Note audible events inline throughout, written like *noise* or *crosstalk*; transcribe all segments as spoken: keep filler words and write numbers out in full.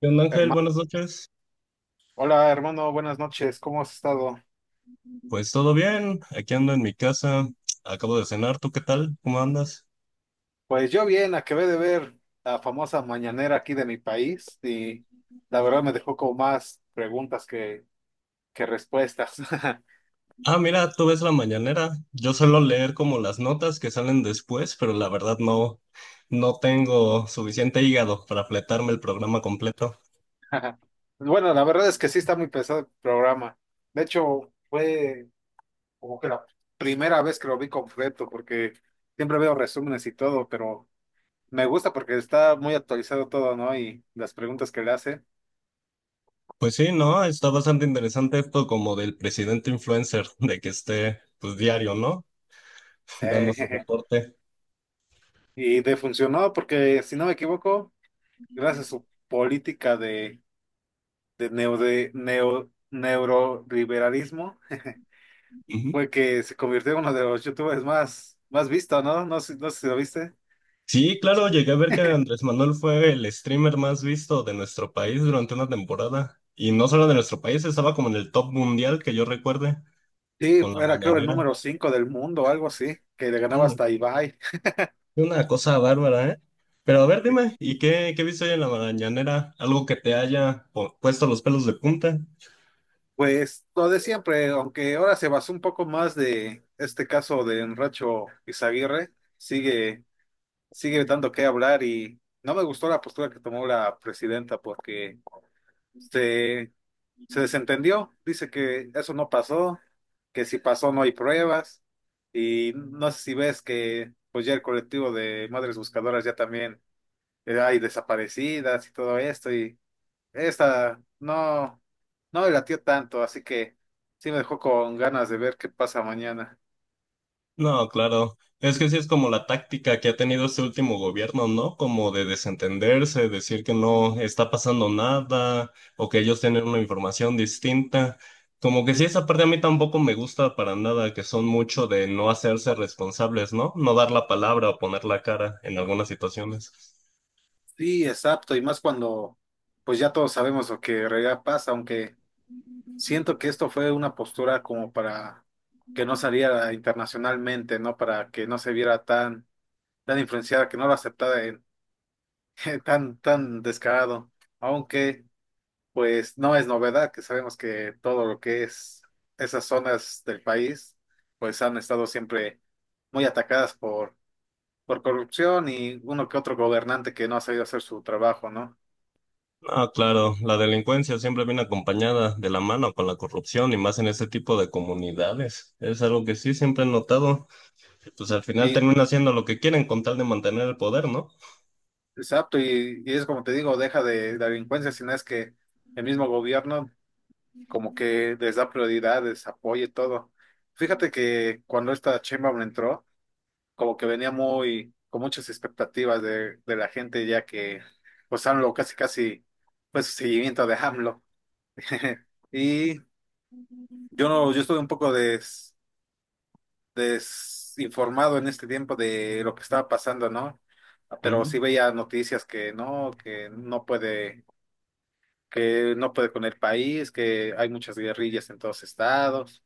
¿Qué onda, Ángel? Herma- Buenas noches. Hola hermano, buenas noches, ¿cómo has estado? Pues todo bien, aquí ando en mi casa, acabo de cenar, ¿tú qué tal? ¿Cómo andas? Pues yo bien, acabé de ver la famosa mañanera aquí de mi país y la verdad me dejó como más preguntas que, que respuestas. *laughs* Ah, mira, tú ves la mañanera. Yo suelo leer como las notas que salen después, pero la verdad no, no tengo suficiente hígado para fletarme el programa completo. Bueno, la verdad es que sí está muy pesado el programa. De hecho, fue como que la primera vez que lo vi completo porque siempre veo resúmenes y todo, pero me gusta porque está muy actualizado todo, ¿no? Y las preguntas que le hace. Pues sí, no, está bastante interesante esto como del presidente influencer, de que esté pues diario, ¿no? *laughs* Sí. Dando su *laughs* reporte. Y de funcionó porque si no me equivoco, gracias a su política de, de, neo, de neo, neoliberalismo, Ujú. fue que se convirtió en uno de los youtubers más, más visto, ¿no? No sé, no sé si lo viste. Sí, claro, llegué a ver que Andrés Manuel fue el streamer más visto de nuestro país durante una temporada. Y no solo de nuestro país, estaba como en el top mundial que yo recuerde, Sí, con la era creo el mañanera. número cinco del mundo, algo así, que le ganaba Hombre, hasta a Ibai. fue una cosa bárbara, ¿eh? Pero a ver, dime, ¿y qué, qué viste hoy en la mañanera? ¿Algo que te haya po- puesto los pelos de punta? Pues lo de siempre, aunque ahora se basó un poco más de este caso de Enracho Izaguirre, sigue, sigue dando que hablar y no me gustó la postura que tomó la presidenta porque se se desentendió, dice que eso no pasó, que si pasó no hay pruebas, y no sé si ves que pues ya el colectivo de madres buscadoras ya también eh, hay desaparecidas y todo esto, y esta no, no me latió tanto, así que sí me dejó con ganas de ver qué pasa mañana. No, claro. Es que sí es como la táctica que ha tenido este último gobierno, ¿no? Como de desentenderse, decir que no está pasando nada o que ellos tienen una información distinta. Como que sí, esa parte a mí tampoco me gusta para nada, que son mucho de no hacerse responsables, ¿no? No dar la palabra o poner la cara en algunas situaciones. Sí, exacto, y más cuando pues ya todos sabemos lo que en realidad pasa, aunque siento que esto fue una postura como para que no saliera internacionalmente, ¿no? Para que no se viera tan, tan influenciada, que no lo aceptara en, *laughs* tan, tan descarado. Aunque, pues, no es novedad que sabemos que todo lo que es esas zonas del país, pues han estado siempre muy atacadas por, por corrupción y uno que otro gobernante que no ha sabido hacer su trabajo, ¿no? Ah, claro, la delincuencia siempre viene acompañada de la mano con la corrupción y más en ese tipo de comunidades. Es algo que sí siempre he notado. Pues al final Y termina haciendo lo que quieren con tal de mantener el poder, ¿no? exacto, y, y es como te digo, deja de, de delincuencia, sino es que el mismo gobierno como que les da prioridades, apoyo y todo. Fíjate que cuando esta Sheinbaum entró, como que venía muy, con muchas expectativas de, de la gente, ya que pues A M L O casi casi fue su seguimiento de A M L O. *laughs* Y yo no, yo estuve un poco des- desinformado en este tiempo de lo que estaba pasando, ¿no? Pero sí Ujú. veía noticias que no, que no puede, que no puede con el país, que hay muchas guerrillas en todos estados.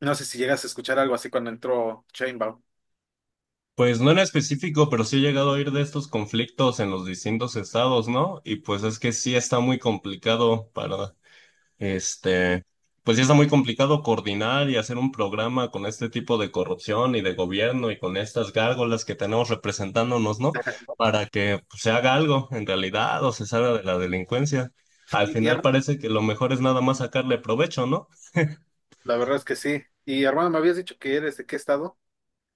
No sé si llegas a escuchar algo así cuando entró Chainbound. Pues no en específico, pero sí he llegado a oír de estos conflictos en los distintos estados, ¿no? Y pues es que sí está muy complicado para, este, pues sí está muy complicado coordinar y hacer un programa con este tipo de corrupción y de gobierno y con estas gárgolas que tenemos representándonos, ¿no? Para que pues, se haga algo en realidad o se salga de la delincuencia. Al Y, y final hermano, parece que lo mejor es nada más sacarle provecho, ¿no? la verdad es que sí. Y hermano, me habías dicho que ¿eres de qué estado?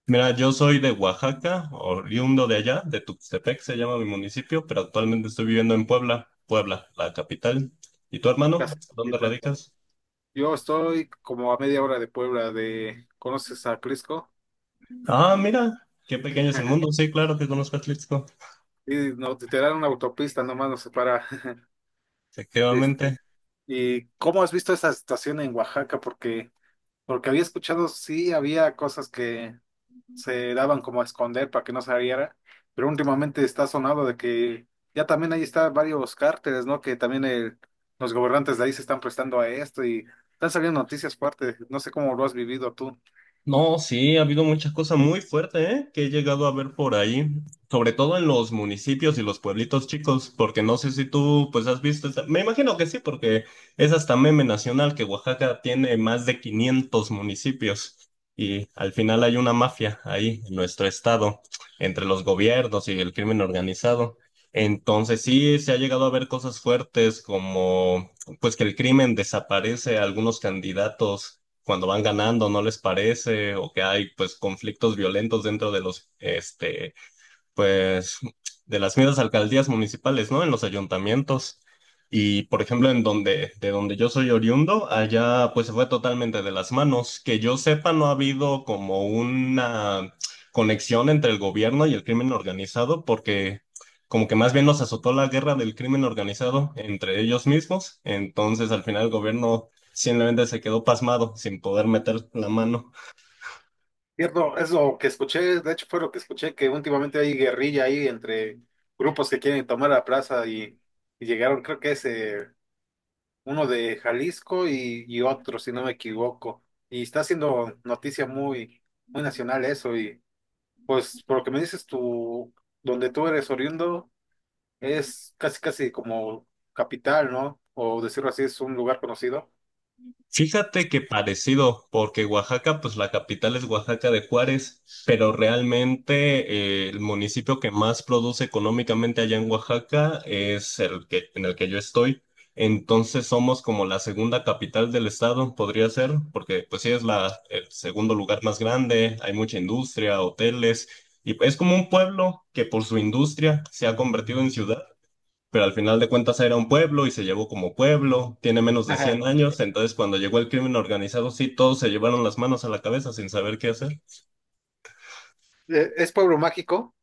Mira, yo soy de Oaxaca, oriundo de allá, de Tuxtepec se llama mi municipio, pero actualmente estoy viviendo en Puebla, Puebla, la capital. ¿Y tu hermano? ¿Dónde Casita. radicas? Yo estoy como a media hora de Puebla, ¿de conoces a Crisco? Ah, mira, qué pequeño es el mundo. *laughs* Sí, claro que conozco a Atlixco, Y no, te dan una autopista, nomás nos separa. *laughs* Este, efectivamente. ¿Y cómo has visto esa situación en Oaxaca? Porque, porque había escuchado, sí, había cosas que se daban como a esconder para que no saliera, pero últimamente está sonado de que ya también ahí está varios cárteles, ¿no? Que también el- los gobernantes de ahí se están prestando a esto y están saliendo noticias fuertes, no sé cómo lo has vivido tú. No, sí, ha habido muchas cosas muy fuertes, ¿eh? Que he llegado a ver por ahí, sobre todo en los municipios y los pueblitos chicos, porque no sé si tú pues has visto, esta- me imagino que sí, porque es hasta meme nacional que Oaxaca tiene más de quinientos municipios y al final hay una mafia ahí en nuestro estado, entre los gobiernos y el crimen organizado. Entonces sí, se ha llegado a ver cosas fuertes como pues que el crimen desaparece a algunos candidatos cuando van ganando no les parece o que hay pues conflictos violentos dentro de los este pues, de las mismas alcaldías municipales, ¿no? En los ayuntamientos. Y, por ejemplo, en donde, de donde yo soy oriundo, allá pues se fue totalmente de las manos. Que yo sepa, no ha habido como una conexión entre el gobierno y el crimen organizado, porque como que más bien nos azotó la guerra del crimen organizado entre ellos mismos. Entonces, al final, el gobierno simplemente se quedó pasmado sin poder meter la mano. Cierto, es lo que escuché, de hecho fue lo que escuché, que últimamente hay guerrilla ahí entre grupos que quieren tomar la plaza y, y llegaron, creo que es eh, uno de Jalisco y, y otro, si no me equivoco, y está haciendo noticia muy, muy nacional eso. Pues por lo que me dices, tú, donde tú eres oriundo es casi casi como capital, ¿no? O decirlo así, es un lugar conocido. Fíjate que parecido, porque Oaxaca, pues la capital es Oaxaca de Juárez, pero realmente eh, el municipio que más produce económicamente allá en Oaxaca es el que, en el que yo estoy. Entonces somos como la segunda capital del estado, podría ser, porque pues sí es la, el segundo lugar más grande, hay mucha industria, hoteles, y es como un pueblo que por su industria se ha convertido en ciudad, pero al final de cuentas era un pueblo y se llevó como pueblo, tiene menos de Ajá. cien años. Entonces cuando llegó el crimen organizado, sí, todos se llevaron las manos a la cabeza sin saber qué hacer. Eh, es pueblo mágico.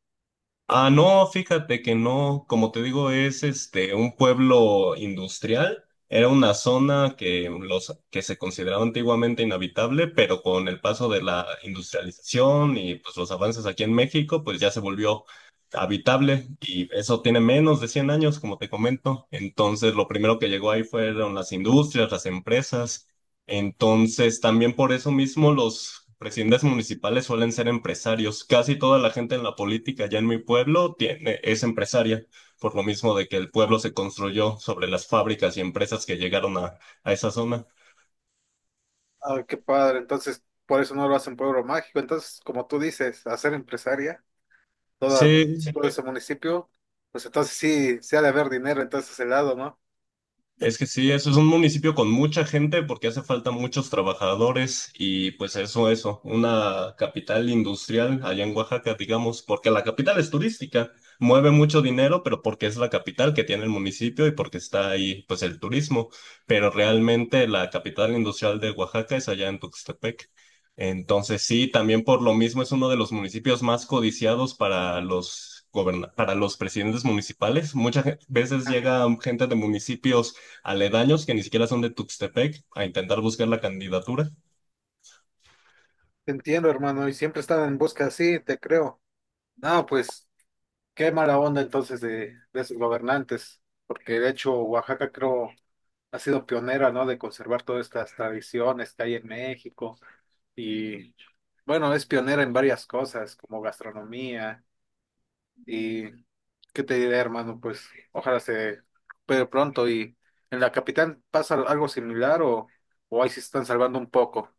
Ah, no, fíjate que no, como te digo, es este un pueblo industrial. Era una zona que los que se consideraba antiguamente inhabitable, pero con el paso de la industrialización y pues los avances aquí en México, pues ya se volvió habitable y eso tiene menos de cien años, como te comento. Entonces, lo primero que llegó ahí fueron las industrias, las empresas. Entonces, también por eso mismo los presidentes municipales suelen ser empresarios. Casi toda la gente en la política ya en mi pueblo tiene, es empresaria, por lo mismo de que el pueblo se construyó sobre las fábricas y empresas que llegaron a, a esa zona. Ah, qué padre. Entonces, por eso no lo hacen pueblo mágico. Entonces, como tú dices, hacer empresaria, toda, sí, Sí, todo ese municipio, pues entonces sí, se ha de haber dinero entonces ese lado, ¿no? es que sí, eso es un municipio con mucha gente porque hace falta muchos trabajadores y pues eso, eso, una capital industrial allá en Oaxaca, digamos, porque la capital es turística, mueve mucho dinero, pero porque es la capital que tiene el municipio y porque está ahí pues el turismo, pero realmente la capital industrial de Oaxaca es allá en Tuxtepec. Entonces sí, también por lo mismo es uno de los municipios más codiciados para los goberna- para los presidentes municipales. Muchas ge- veces Ajá. llega gente de municipios aledaños que ni siquiera son de Tuxtepec a intentar buscar la candidatura. Te entiendo, hermano, y siempre están en busca así, te creo. No, pues. Qué mala onda entonces de, de sus gobernantes, porque de hecho Oaxaca creo ha sido pionera, ¿no? De conservar todas estas tradiciones que hay en México y bueno, es pionera en varias cosas como gastronomía y qué te diré, hermano, pues ojalá se recupere pronto y en la capital pasa algo similar o, o ahí sí se están salvando un poco.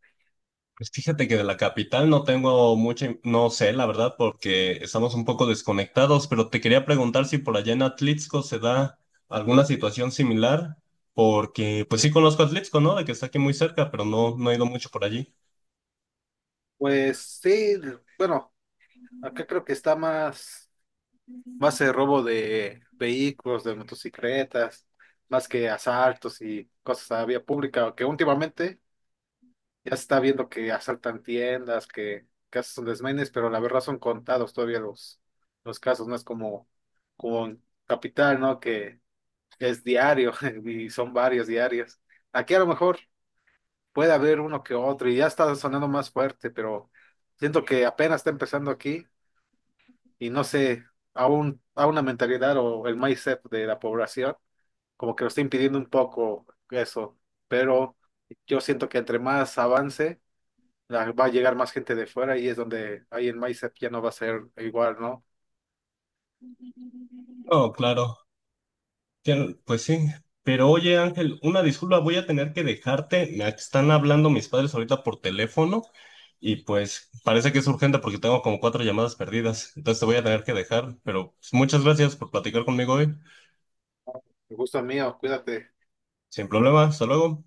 Pues fíjate que de la capital no tengo mucha, in- no sé, la verdad, porque estamos un poco desconectados, pero te quería preguntar si por allá en Atlixco se da alguna situación similar, porque pues sí conozco Atlixco, ¿no? De que está aquí muy cerca, pero no, no he ido mucho por allí. Pues sí, bueno, acá creo que está más más el robo de vehículos, de motocicletas, más que asaltos y cosas a vía pública, que últimamente ya se está viendo que asaltan tiendas, que, que hacen desmanes, pero la verdad son contados todavía los, los casos, no es como, como en Capital, ¿no? Que es diario *laughs* y son varios diarios. Aquí a lo mejor puede haber uno que otro y ya está sonando más fuerte, pero siento que apenas está empezando aquí y no sé, a, un- a una mentalidad o el mindset de la población, como que lo está impidiendo un poco eso, pero yo siento que entre más avance, la- va a llegar más gente de fuera y es donde ahí el mindset ya no va a ser igual, ¿no? No, claro, Tien- pues sí. Pero oye, Ángel, una disculpa, voy a tener que dejarte. Me están hablando mis padres ahorita por teléfono. Y pues parece que es urgente porque tengo como cuatro llamadas perdidas. Entonces te voy a tener que dejar, pero pues, muchas gracias por platicar conmigo hoy. El gusto es mío, cuídate. Sin problema, hasta luego.